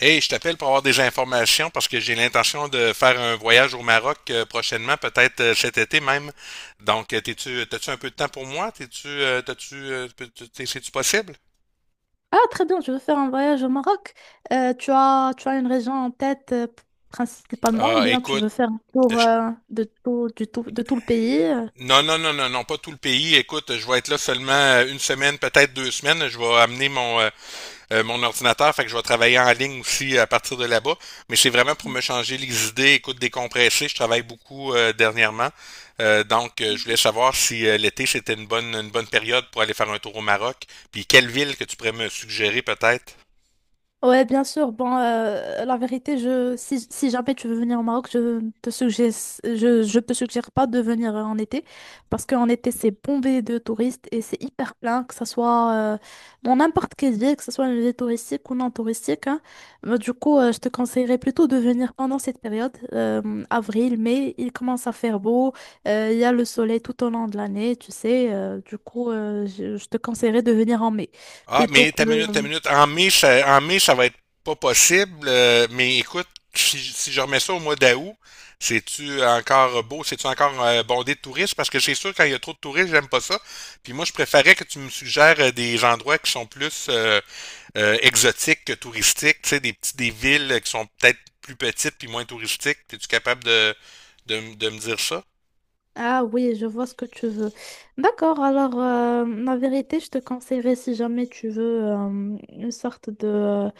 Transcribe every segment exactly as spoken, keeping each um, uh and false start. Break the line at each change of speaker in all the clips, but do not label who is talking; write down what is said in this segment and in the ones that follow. Hey, je t'appelle pour avoir des informations parce que j'ai l'intention de faire un voyage au Maroc euh, prochainement, peut-être euh, cet été même. Donc, euh, t'es-tu, euh, t'as-tu un peu de temps pour moi? T'es-tu, euh, t'as-tu, euh, peux- t'es- C'est-tu possible?
Ah, très bien, je veux faire un voyage au Maroc. Euh, tu as, tu as une région en tête euh, p- principalement, ou
Ah,
bien tu
écoute,
veux faire un tour
je-
euh, de tout, du tout, de tout le pays? euh?
non, non, non, non, non, pas tout le pays. Écoute, je vais être là seulement euh, une semaine, peut-être deux semaines. Je vais amener mon, euh, mon ordinateur, fait que je vais travailler en ligne aussi à partir de là-bas. Mais c'est vraiment pour me changer les idées, écoute, décompresser. Je travaille beaucoup euh, dernièrement. Euh, donc, euh, je voulais savoir si euh, l'été, c'était une bonne, une bonne période pour aller faire un tour au Maroc. Puis, quelle ville que tu pourrais me suggérer peut-être?
Ouais, bien sûr. Bon, euh, la vérité, je, si, si jamais tu veux venir au Maroc, je te suggère, je, je te suggère pas de venir euh, en été parce qu'en été, c'est bombé de touristes et c'est hyper plein, que ce soit euh, dans n'importe quelle ville, que ce soit une ville touristique ou non touristique, hein. Mais du coup, euh, je te conseillerais plutôt de venir pendant cette période, euh, avril, mai, il commence à faire beau, euh, il y a le soleil tout au long de l'année, tu sais. Euh, du coup, euh, je, je te conseillerais de venir en mai
Ah,
plutôt
mais
que...
ta minute, ta minute. En mai, ça, en mai, ça va être pas possible. euh, mais écoute, si, si je remets ça au mois d'août, c'est-tu encore beau? C'est-tu encore euh, bondé de touristes? Parce que c'est sûr, quand il y a trop de touristes, j'aime pas ça. Puis moi, je préférais que tu me suggères euh, des endroits qui sont plus euh, euh, exotiques que touristiques. Tu sais, des petits, des villes qui sont peut-être plus petites puis moins touristiques. Es-tu capable de, de, m- de me dire ça?
Ah oui, je vois ce que tu veux. D'accord, alors euh, la vérité, je te conseillerais si jamais tu veux euh, une sorte de,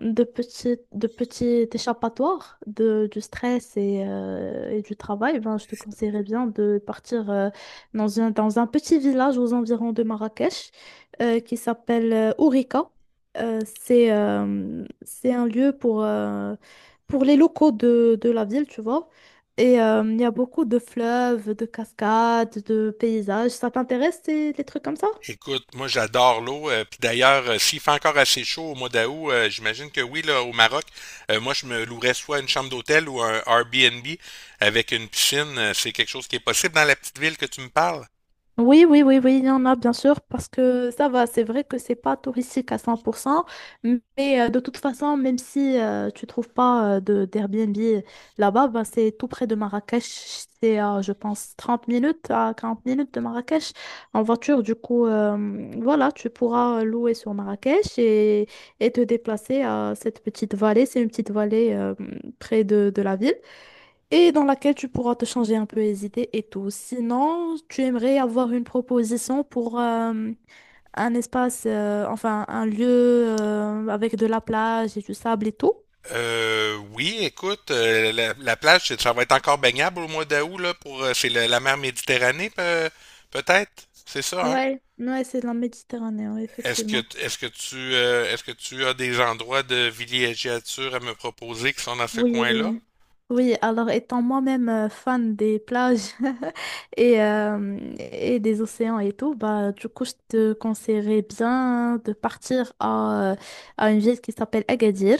de petit, de petit échappatoire de, du stress et, euh, et du travail, ben, je te conseillerais bien de partir euh, dans un, dans un petit village aux environs de Marrakech euh, qui s'appelle euh, Ourika. Euh, c'est euh, c'est un lieu pour, euh, pour les locaux de, de la ville, tu vois. Et euh, il y a beaucoup de fleuves, de cascades, de paysages. Ça t'intéresse, ces- les trucs comme ça?
Écoute, moi j'adore l'eau. Euh, puis d'ailleurs, euh, s'il fait encore assez chaud au mois d'août, euh, j'imagine que oui, là, au Maroc, euh, moi je me louerais soit une chambre d'hôtel ou un Airbnb avec une piscine. Euh, C'est quelque chose qui est possible dans la petite ville que tu me parles?
Oui, oui, oui, oui, il y en a bien sûr, parce que ça va, c'est vrai que c'est pas touristique à cent pour cent, mais euh, de toute façon, même si euh, tu trouves pas euh, de d'Airbnb là-bas, ben, c'est tout près de Marrakech, c'est à, je pense trente minutes à quarante minutes de Marrakech en voiture, du coup, euh, voilà, tu pourras euh, louer sur Marrakech et, et te déplacer à cette petite vallée, c'est une petite vallée euh, près de, de la ville et dans laquelle tu pourras te changer un peu les idées et tout. Sinon, tu aimerais avoir une proposition pour euh, un espace, euh, enfin un lieu euh, avec de la plage et du sable et tout.
Euh, oui, écoute, euh, la, la plage, c'est- ça va être encore baignable au mois d'août, là, pour, euh, c'est la, la mer Méditerranée, pe- peut-être? C'est ça, hein?
Ouais, ouais, c'est de la Méditerranée, ouais,
Est-ce que,
effectivement.
est-ce que tu, euh, est-ce que tu as des endroits de villégiature à me proposer qui sont dans ce coin-là?
Oui. Oui, alors étant moi-même euh, fan des plages et, euh, et des océans et tout, bah du coup je te conseillerais bien de partir à, euh, à une ville qui s'appelle Agadir.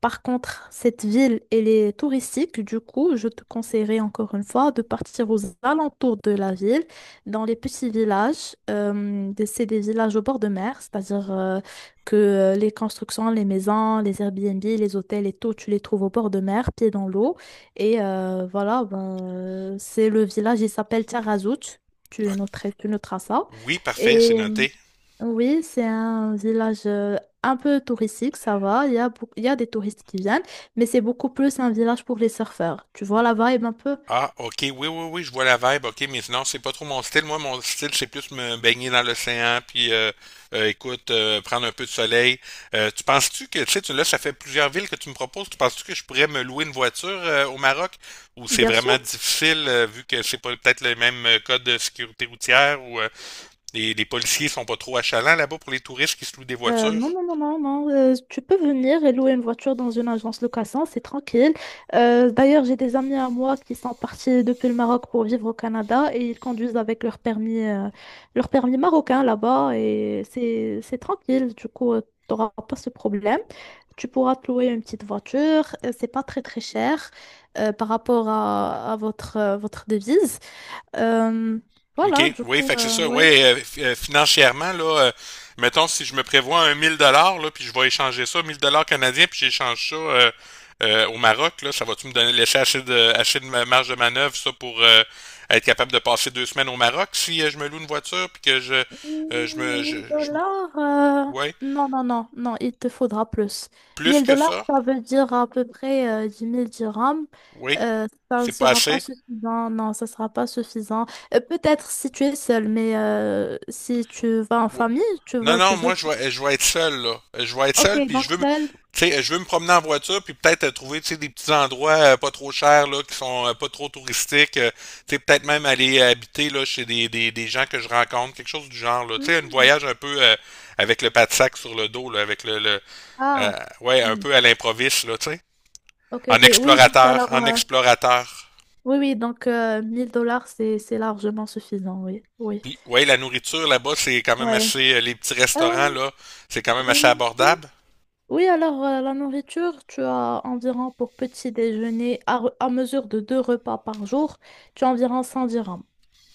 Par contre, cette ville, elle est touristique. Du coup, je te conseillerais encore une fois de partir aux alentours de la ville, dans les petits villages. Euh, des- c'est des villages au bord de mer, c'est-à-dire euh, que euh, les constructions, les maisons, les Airbnb, les hôtels et tout, tu les trouves au bord de mer, pieds dans l'eau. Et euh, voilà, ben, euh, c'est le village, il s'appelle Tiarazout. Tu
Ok.
noterais, tu noteras ça.
Oui, parfait,
Et
c'est
euh,
noté.
oui, c'est un village euh, un peu touristique, ça va. Il y a, beaucoup- il y a des touristes qui viennent, mais c'est beaucoup plus un village pour les surfeurs. Tu vois la vibe un peu.
Ah, ok, oui, oui, oui, je vois la vibe, ok, mais sinon, c'est pas trop mon style. Moi, mon style, c'est plus me baigner dans l'océan, puis euh, euh, écoute, euh, prendre un peu de soleil. Euh, tu penses-tu que, tu sais, tu- là, ça fait plusieurs villes que tu me proposes, tu penses-tu que je pourrais me louer une voiture euh, au Maroc, ou c'est
Bien sûr.
vraiment difficile, euh, vu que c'est pas peut-être le même euh, code de sécurité routière, ou euh, les, les policiers sont pas trop achalants là-bas pour les touristes qui se louent des
Euh,
voitures?
non, non, non, non, non. Euh, tu peux venir et louer une voiture dans une agence location, c'est tranquille. Euh, d'ailleurs, j'ai des amis à moi qui sont partis depuis le Maroc pour vivre au Canada et ils conduisent avec leur permis, euh, leur permis marocain là-bas et c'est, c'est tranquille. Du coup, tu n'auras pas ce problème. Tu pourras te louer une petite voiture. euh, C'est pas très, très cher euh, par rapport à, à votre, euh, votre devise. Euh, voilà,
OK,
du
oui,
coup,
fait que c'est
euh,
ça. Oui,
ouais.
euh, f- euh, financièrement, là, euh, mettons si je me prévois un mille dollars, là, puis je vais échanger ça, mille dollars canadiens, puis j'échange ça euh, euh, au Maroc, là, ça va-tu me donner laisser assez de, assez de ma- marge de manœuvre, ça, pour euh, être capable de passer deux semaines au Maroc si euh, je me loue une voiture, puis que je, euh, je me, je,
mille
je me-
dollars, euh,
ouais,
non, non, non, non, il te faudra plus.
plus
mille
que
dollars,
ça,
ça veut dire à peu près euh, dix mille dirhams.
oui,
Euh, ça ne
c'est pas
sera pas
assez.
suffisant, non, ça ne sera pas suffisant. Euh, peut-être si tu es seul, mais euh, si tu vas en
Ouais.
famille, tu
Non,
vas, tu
non, moi,
veux.
je vais, je vais être seul, là. Je vais être
Ok,
seul, puis
donc
je veux me,
seul.
tu sais, je veux me promener en voiture, puis peut-être euh, trouver, tu sais, des petits endroits euh, pas trop chers, là, qui sont euh, pas trop touristiques. Euh, tu sais, peut-être même aller euh, habiter, là, chez des, des, des gens que je rencontre, quelque chose du genre, là. Tu sais, un
Hmm.
voyage un peu euh, avec le pas de sac sur le dos, là, avec le, le euh,
Ah,
ouais, un
Hmm.
peu à l'improviste, là, tu sais.
Ok,
En
ok, oui, donc
explorateur,
alors,
en
euh,
explorateur.
oui, oui, donc euh, mille dollars, c'est, c'est largement suffisant, oui, oui.
Puis, ouais, la nourriture là-bas, c'est quand même
Ouais.
assez, euh, les petits
Euh,
restaurants, là, c'est quand même assez
oui.
abordable.
Oui, alors euh, la nourriture, tu as environ pour petit déjeuner, à, re- à mesure de deux repas par jour, tu as environ cent dirhams.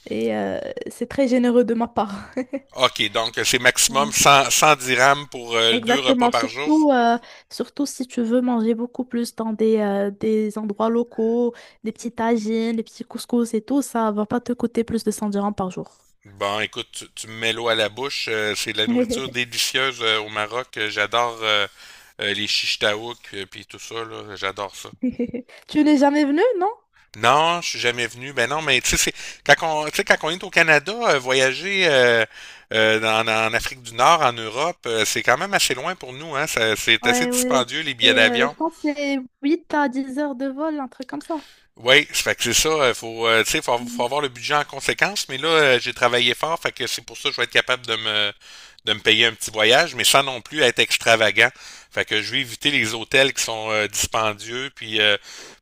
Et euh, c'est très généreux de ma part.
OK, donc euh, c'est maximum
Ouais.
cent, cent dirhams pour euh, deux repas
Exactement,
par jour.
surtout, euh, surtout si tu veux manger beaucoup plus dans des, euh, des endroits locaux, des petits tagines, des petits couscous et tout, ça va pas te coûter plus de cent dirhams par jour.
Bon, écoute, tu, tu me mets l'eau à la bouche. Euh, c'est de la nourriture délicieuse euh, au Maroc. Euh, J'adore euh, euh, les chichtaouk et puis tout ça, là. J'adore ça.
Tu n'es jamais venu, non?
Non, je suis jamais venu. Ben non, mais tu sais, c'est- quand on, tu sais, quand on est au Canada, euh, voyager euh, euh, dans- en Afrique du Nord, en Europe, euh, c'est quand même assez loin pour nous, hein. Ça- c'est assez
Ouais, ouais.
dispendieux, les billets
c'est, euh, Je
d'avion.
pense que c'est huit à dix heures de vol, un truc comme ça.
Oui, ça fait que c'est ça, il faut, euh, tu sais, faut, faut avoir le budget en conséquence, mais là, euh, j'ai travaillé fort, fait que c'est pour ça que je vais être capable de me, de me payer un petit voyage, mais sans non plus être extravagant. Fait que je vais éviter les hôtels qui sont euh, dispendieux, puis euh,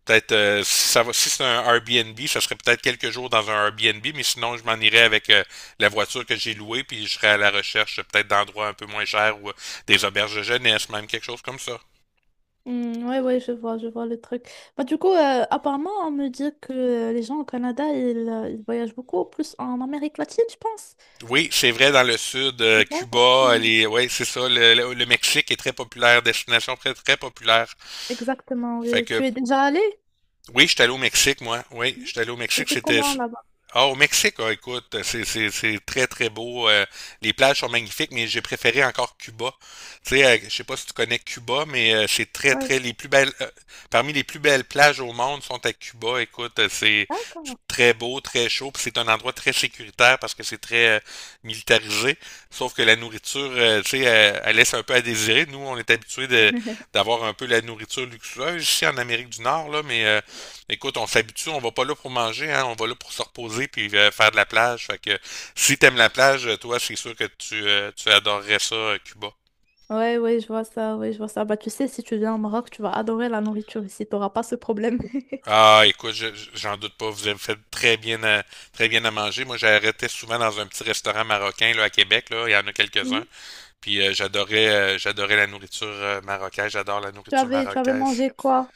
peut-être, euh, si ça va, si c'est un Airbnb, ça serait peut-être quelques jours dans un Airbnb, mais sinon, je m'en irais avec euh, la voiture que j'ai louée, puis je serais à la recherche euh, peut-être d'endroits un peu moins chers ou euh, des auberges de jeunesse, même quelque chose comme ça.
Hmm, ouais, ouais, je vois, je vois le truc. Bah, du coup, euh, apparemment, on me dit que euh, les gens au Canada, ils, euh, ils voyagent beaucoup, plus en Amérique latine, je pense.
Oui, c'est vrai, dans le sud, euh,
C'est ça?
Cuba,
Hmm.
les, ouais, c'est ça, le, le- le Mexique est très populaire, destination très, très populaire.
Exactement,
Fait
oui. Tu
que
es déjà allé?
oui, j'étais allé au Mexique, moi. Oui, j'étais allé au
Et
Mexique.
c'est
C'était.
comment là-bas?
Ah, au Mexique, ah, écoute, c'est, c'est, c'est très, très beau. Euh, les plages sont magnifiques, mais j'ai préféré encore Cuba. Tu sais, euh, je sais pas si tu connais Cuba, mais euh, c'est très,
Ouais.
très. Les plus belles. Euh, parmi les plus belles plages au monde sont à Cuba. Écoute, euh, c'est
D'accord.
très beau, très chaud, puis c'est un endroit très sécuritaire parce que c'est très euh, militarisé. Sauf que la nourriture, euh, tu sais, elle, elle laisse un peu à désirer. Nous, on est habitués de, d'avoir un peu la nourriture luxueuse ici en Amérique du Nord, là, mais euh, écoute, on s'habitue, on va pas là pour manger, hein, on va là pour se reposer puis euh, faire de la plage. Fait que si t'aimes la plage, euh, toi, c'est sûr que tu, euh, tu adorerais ça, euh, Cuba.
Ouais, ouais, je vois ça, ouais, je vois ça. Bah, tu sais, si tu viens au Maroc, tu vas adorer la nourriture ici, t'auras pas ce problème.
Ah, écoute, je- je- j'en doute pas, vous avez fait très bien à, très bien à manger. Moi, j'arrêtais souvent dans un petit restaurant marocain là à Québec, là, il y en a quelques-uns.
Mhm.
Puis euh, j'adorais euh, j'adorais la nourriture euh, marocaine, j'adore la
Tu
nourriture
avais, tu avais
marocaise.
mangé quoi?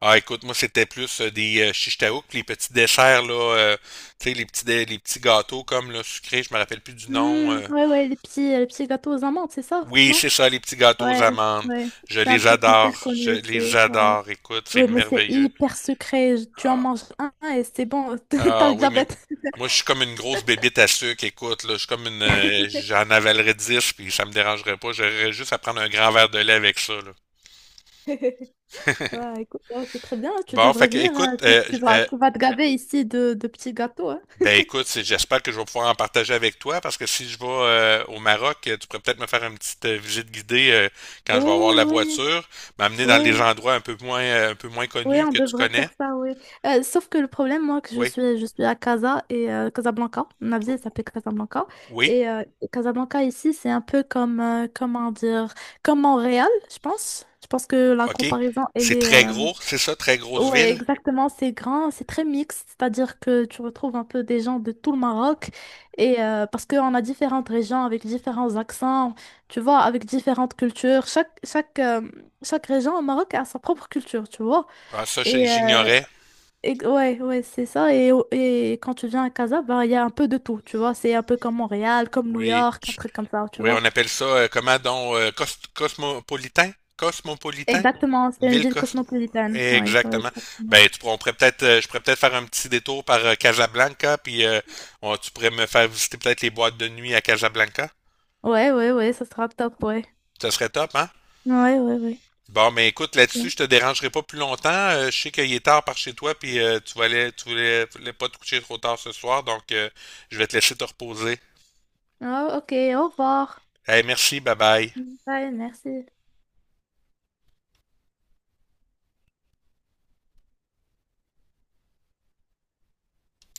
Ah, écoute, moi, c'était plus euh, des euh, shish taouk, les petits desserts là, euh, tu sais, les petits dé- les petits gâteaux comme là, sucrés, je me rappelle plus du nom.
Hmm,
euh,
ouais, ouais, les petits, les petits gâteaux aux amandes, c'est ça,
Oui,
non?
c'est ça, les petits gâteaux aux
Ouais,
amandes.
ouais.
Je
C'est un
les
truc hyper
adore. Je
connu ici,
les
ouais.
adore. Écoute, c'est
Oui, mais c'est
merveilleux.
hyper secret. Tu en
Ah,
manges un et c'est bon, t'as
ah
le
oui, mais
diabète.
moi, je suis comme une grosse bébite à sucre. Écoute, là, je suis comme une. Euh, J'en avalerais dix puis ça me dérangerait pas. J'aurais juste à prendre un grand verre de lait avec ça, là.
Ouais, écoute, ouais, c'est très bien. Tu
Bon,
devrais
fait que,
venir.
écoute,
Euh, que
euh,
Tu vas,
euh,
tu vas te gaver ici de, de petits gâteaux, hein.
ben écoute, c'est- j'espère que je vais pouvoir en partager avec toi parce que si je vais euh, au Maroc, euh, tu pourrais peut-être me faire une petite euh, visite guidée euh, quand je vais avoir
Ouais,
la
ouais,
voiture, m'amener dans les
ouais,
endroits un peu moins, euh, un peu moins
ouais,
connus
on
que tu
devrait
connais.
faire ça, ouais. Euh, sauf que le problème, moi, que je
Oui.
suis, je suis à Casa et euh, Casablanca. Ma
Oh.
ville s'appelle Casablanca.
Oui,
Et euh, Casablanca ici, c'est un peu comme, euh, comment dire, comme Montréal, je pense. Je pense que la
OK.
comparaison, elle
C'est
est,
très
euh,
gros, c'est ça, très grosse
Ouais,
ville?
exactement, c'est grand, c'est très mixte, c'est-à-dire que tu retrouves un peu des gens de tout le Maroc, et euh, parce qu'on a différentes régions avec différents accents, tu vois, avec différentes cultures. Chaque, chaque, euh, chaque région au Maroc a sa propre culture, tu vois.
Ah, ça, j'ai-
Et, euh,
j'ignorais.
et- ouais, ouais, c'est ça. Et, au- et quand tu viens à Casa, bah, il y a un peu de tout, tu vois. C'est un peu comme Montréal, comme New
Oui.
York, un truc comme ça, tu
Oui,
vois.
on appelle ça, euh, comment donc, euh, cos- cosmopolitain? Cosmopolitain?
Exactement, c'est
Une
une
ville
ville
cosmo.
cosmopolitaine. Ouais, ouais,
Exactement.
exactement.
Ben, tu pourrais- on pourrait peut-être, euh, je pourrais peut-être faire un petit détour par euh, Casablanca, puis euh, on- tu pourrais me faire visiter peut-être les boîtes de nuit à Casablanca.
Ouais, ouais, ouais, ça sera top, ouais.
Ça serait top, hein?
Ouais, ouais,
Bon, mais écoute, là-dessus,
ouais.
je te dérangerai pas plus longtemps. Euh, je sais qu'il est tard par chez toi, puis euh, tu voulais, tu voulais, tu voulais pas te coucher trop tard ce soir, donc euh, je vais te laisser te reposer.
Oh, ok, au revoir.
Hey, merci, bye bye.
Bye, merci.